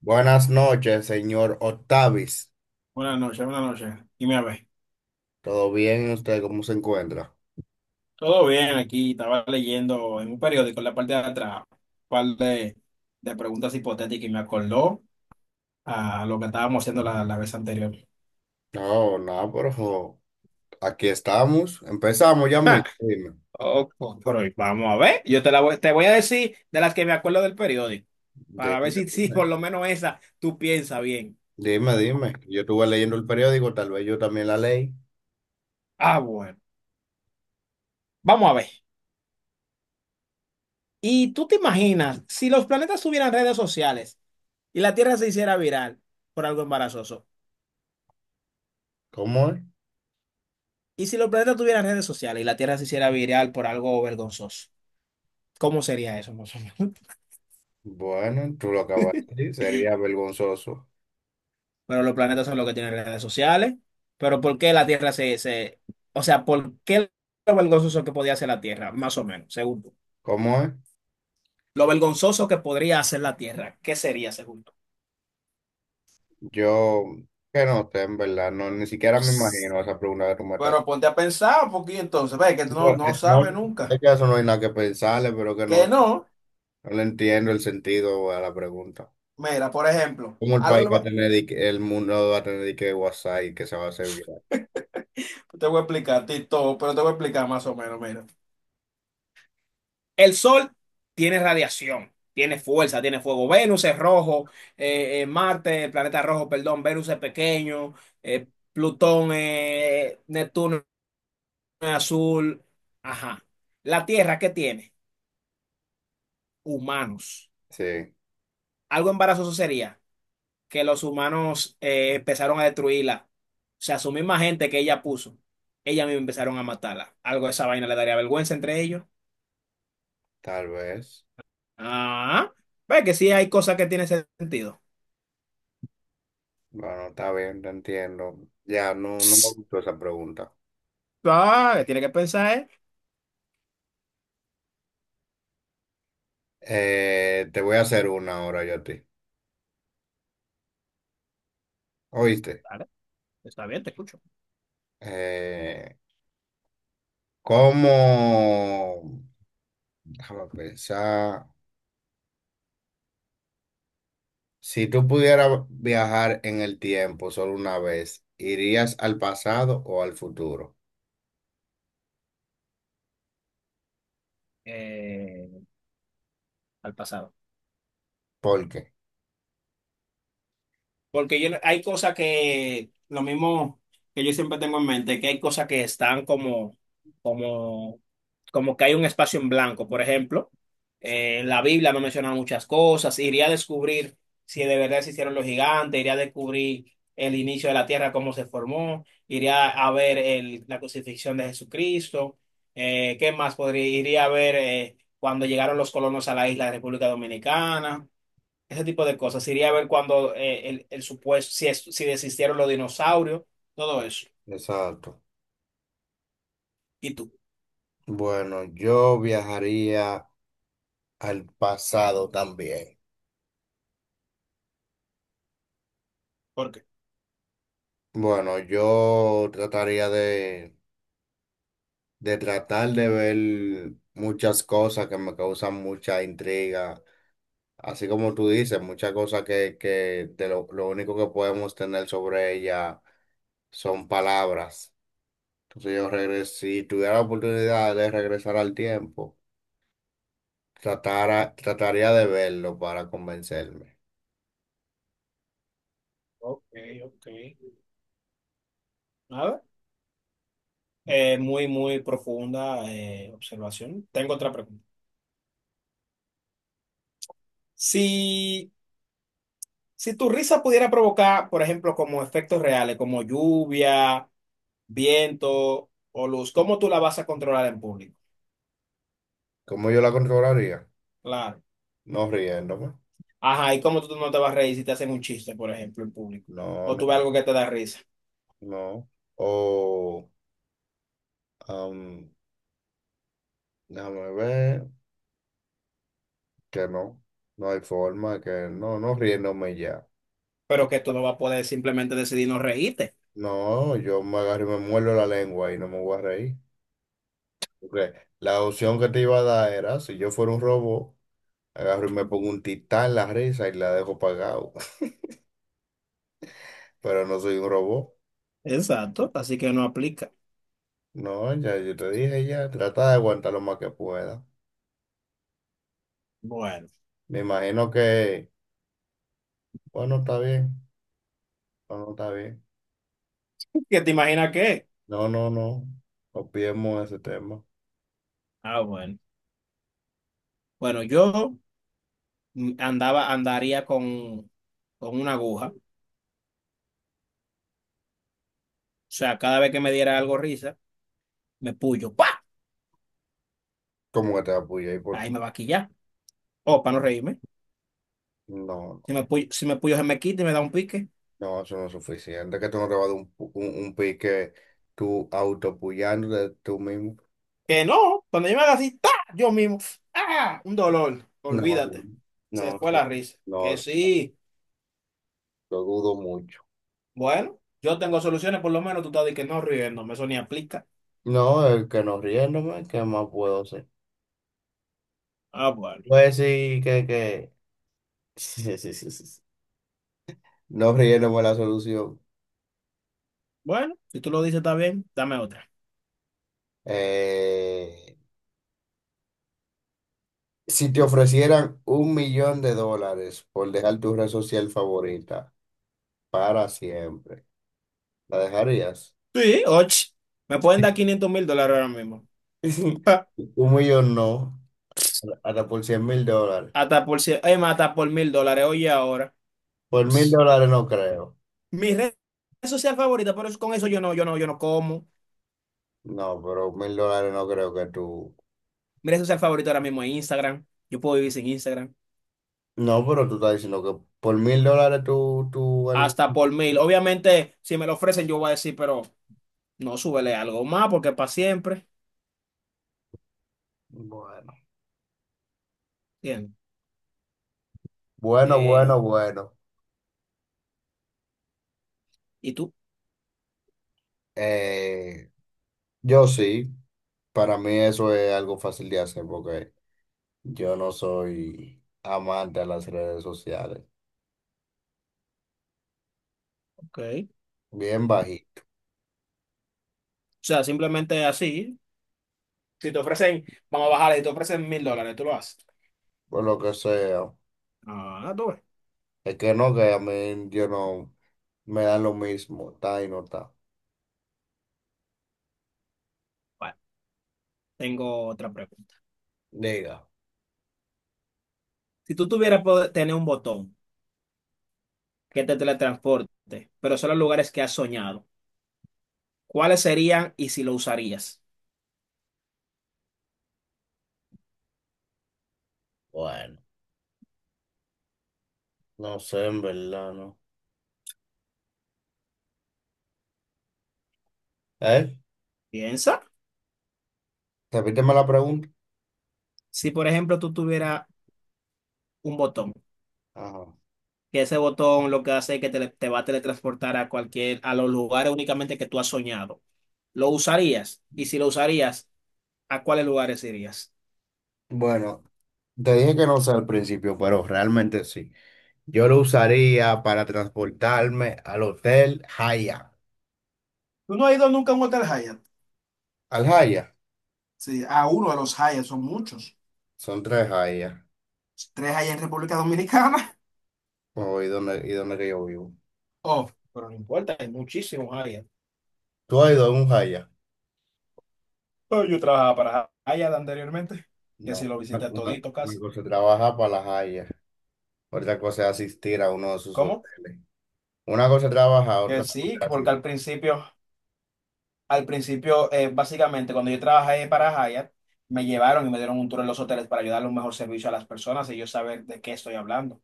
Buenas noches, señor Octavis. Buenas noches, buenas noches. Dime a ver. ¿Todo bien? ¿Usted cómo se encuentra? Todo bien aquí, estaba leyendo en un periódico en la parte de atrás, un par de, de preguntas hipotéticas y me acordó a lo que estábamos haciendo la vez anterior. No, no, pero jo, aquí estamos. Empezamos ya Ja, mismo. Dime, oh, pues, pero vamos a ver, yo te la voy, te voy a decir de las que me acuerdo del periódico, para ver dime, si dime, por lo menos esa tú piensas bien. dime, dime. Yo estuve leyendo el periódico, tal vez yo también la leí. Ah, bueno, vamos a ver. ¿Y tú te imaginas si los planetas tuvieran redes sociales y la Tierra se hiciera viral por algo embarazoso? ¿Cómo es? ¿Y si los planetas tuvieran redes sociales y la Tierra se hiciera viral por algo vergonzoso? ¿Cómo sería eso, más o menos? Bueno, tú lo acabas de decir, sería vergonzoso. Pero los planetas son los que tienen redes sociales. Pero ¿por qué la Tierra se... O sea, ¿por qué lo vergonzoso que podía hacer la Tierra? Más o menos, según tú. ¿Cómo es? Lo vergonzoso que podría hacer la Tierra, ¿qué sería, según tú? Yo, que no sé, en verdad, no, ni siquiera me imagino esa pregunta que tú me estás Pero ponte a pensar, porque entonces, ve que tú haciendo. no No, sabes es nunca. que eso no hay nada que pensarle, pero que Que no, no, no le entiendo el sentido a la pregunta. mira, por ejemplo, ¿Cómo el país va a tener, y que- el mundo va a tener y que WhatsApp y que se va a hacer viral. te voy a explicar, Tito, pero te voy a explicar más o menos, mira. El Sol tiene radiación, tiene fuerza, tiene fuego. Venus es rojo, Marte, el planeta rojo, perdón, Venus es pequeño, eh, Plutón, Neptuno es azul. Ajá. La Tierra, ¿qué tiene? Humanos. Sí, Algo embarazoso sería que los humanos empezaron a destruirla. O sea, su misma gente que ella puso, ella misma empezaron a matarla. Algo de esa vaina le daría vergüenza entre ellos. tal vez. Ah, ve que sí hay cosas que tienen sentido. Bueno, está bien, te entiendo. Ya, no, no me gustó esa pregunta. Ah, tiene que pensar, ¿eh? Te voy a hacer una ahora yo a ti. ¿Oíste? Vale, está bien, te escucho. Eh, ¿Cómo? Déjame pensar. Si tú pudieras viajar en el tiempo solo una vez, ¿irías al pasado o al futuro? Eh, al pasado. ¿Por qué? Porque yo, hay cosas que, lo mismo que yo siempre tengo en mente, que hay cosas que están como, como que hay un espacio en blanco. Por ejemplo, la Biblia me menciona muchas cosas. Iría a descubrir si de verdad se hicieron los gigantes, iría a descubrir el inicio de la tierra, cómo se formó, iría a ver la crucifixión de Jesucristo. ¿Qué más podría? Iría a ver cuando llegaron los colonos a la isla de República Dominicana, ese tipo de cosas. Iría a ver cuando el supuesto, si desistieron los dinosaurios, todo eso. Exacto. ¿Y tú? Bueno, yo viajaría al pasado también. ¿Por qué? Bueno, yo trataría de tratar de ver muchas cosas que me causan mucha intriga, así como tú dices, muchas cosas que de lo único que podemos tener sobre ella son palabras. Entonces si tuviera la oportunidad de regresar al tiempo, trataría de verlo para convencerme. Ok, ok. A ver, muy profunda observación. Tengo otra pregunta. Si, si tu risa pudiera provocar, por ejemplo, como efectos reales, como lluvia, viento o luz, ¿cómo tú la vas a controlar en público? ¿Cómo yo la controlaría? Claro. No riéndome, Ajá, ¿y cómo tú no te vas a reír si te hacen un chiste, por ejemplo, en público? no, O no, tú ves algo que te da risa. no. O Am, Déjame ver que no, no hay forma, que no, no riéndome ya. Pero que tú no vas a poder simplemente decidir no reírte. No, yo me agarro y me muerdo la lengua y no me voy a reír. Porque la opción que te iba a dar era, si yo fuera un robot, agarro y me pongo un titán la risa y la dejo pagado. Pero no soy un robot. Exacto, así que no aplica. No, ya yo te dije ya, trata de aguantar lo más que pueda. Bueno, Me imagino que, bueno, está bien, bueno, está bien. ¿qué te imaginas qué? No, no, no, olvidemos ese tema. Ah, bueno. Bueno, yo andaría con una aguja. O sea, cada vez que me diera algo risa, me puyo. ¡Pa! ¿Cómo que te apoyé? ¿Y por qué? Ahí me va a quillar, o para no reírme. No. Si me puyo se me quita y me da un pique. No, eso no es suficiente. Que tú no te vas a dar un, un pique tú autopullándote tú mismo. Que no, cuando yo me haga así, ¡ta! Yo mismo. ¡Ah! Un dolor. No, Olvídate. Se no, fue la risa. no, Que sí. lo dudo mucho. Bueno, yo tengo soluciones, por lo menos tú estás de que no riéndome, eso ni aplica. No, el que no riéndome, ¿qué más puedo hacer? Ah, bueno. Pues sí, que, que. Sí, sí, sí, sí, sí. No riéndome la solución. Bueno, si tú lo dices, está bien. Dame otra. Eh, si te ofrecieran $1,000,000 por dejar tu red social favorita para siempre, ¿la dejarías? Sí, ocho. Me pueden dar $500,000 ahora mismo. Ja. Un millón no. Hasta por $100,000. Hasta por $1,000. Oye, ahora. Por mil Pss. dólares no creo. Mi red social favorita, con eso yo no como. No, pero $1,000 no creo que tú. Mi red social favorita ahora mismo es Instagram. Yo puedo vivir sin Instagram. No, pero tú estás diciendo que por $1,000 tú. Hasta por mil. Obviamente, si me lo ofrecen, yo voy a decir, pero no, súbele algo más porque es para siempre. Bueno, Bien. bueno, Eh, bueno, bueno. ¿Y tú? Eh, yo sí. Para mí eso es algo fácil de hacer porque yo no soy amante de las redes sociales. Ok. O Bien bajito, sea, simplemente así. Si te ofrecen, vamos a bajarle, si te ofrecen $1,000, tú lo haces. por lo que sea. Ah, tú ves. Es que no, que a mí yo no me dan lo mismo. Está y no está. Bueno, tengo otra pregunta. Diga. Si tú tuvieras poder tener un botón que te teletransporte, pero solo a lugares que has soñado, ¿cuáles serían y si lo usarías? Bueno. No sé, en verdad, no. ¿Eh? Piensa. Repíteme la pregunta. Si, por ejemplo, tú tuvieras un botón, Ajá. que ese botón lo que hace es que te va a teletransportar a los lugares únicamente que tú has soñado, ¿lo usarías? Y si lo usarías, ¿a cuáles lugares irías? Bueno, te dije que no sé al principio, pero realmente sí. Yo lo usaría para transportarme al hotel Haya. ¿Tú no has ido nunca a un hotel Hyatt? Al Haya. Sí, a uno de los Hyatt, son muchos. Son tres Haya. 3 Hyatt en República Dominicana. Oh, ¿y dónde que yo vivo? Oh, pero no importa, hay muchísimos Hyatt. ¿Tú has ido a un Haya? Pero yo trabajaba para Hyatt anteriormente, que si No. lo Una, visité una- todito una casi. cosa es trabajar para la Haya. Otra cosa es asistir a uno de sus ¿Cómo? hoteles. Una cosa es trabajar, Que otra cosa sí, es que porque asistir. Al principio, básicamente, cuando yo trabajé para Hyatt, me llevaron y me dieron un tour en los hoteles para ayudar a un mejor servicio a las personas y yo saber de qué estoy hablando.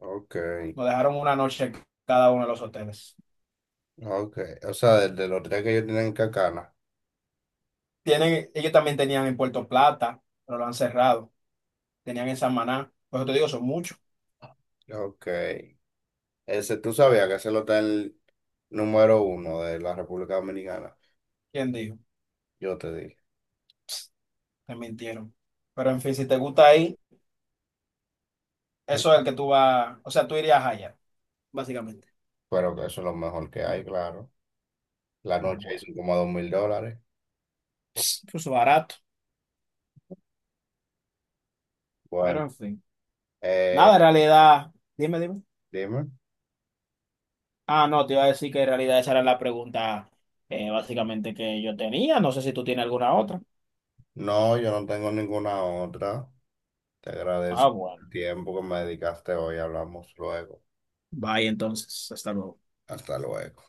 Ok, Nos dejaron una noche en cada uno de los hoteles. ok. O sea, desde los tres que ellos tienen en Cacana. Tienen, ellos también tenían en Puerto Plata, pero lo han cerrado. Tenían en Samaná. Por eso te digo, son muchos. Ok. Ese, tú sabías que ese lo está el número uno de la República Dominicana. ¿Quién dijo? Yo te dije. Te mintieron. Pero en fin, si te gusta ahí. El- Eso es el que tú vas, o sea, tú irías allá, básicamente. Pero que eso es lo mejor que hay, claro. La Ah, noche bueno. hizo como $2,000. Incluso barato, pero Bueno, en fin. Nada, eh, en realidad, dime, dime. dime. Ah, no, te iba a decir que en realidad esa era la pregunta básicamente que yo tenía. No sé si tú tienes alguna otra. No, yo no tengo ninguna otra. Te Ah, agradezco bueno. el tiempo que me dedicaste hoy. Hablamos luego. Bye, entonces. Hasta luego. Hasta luego.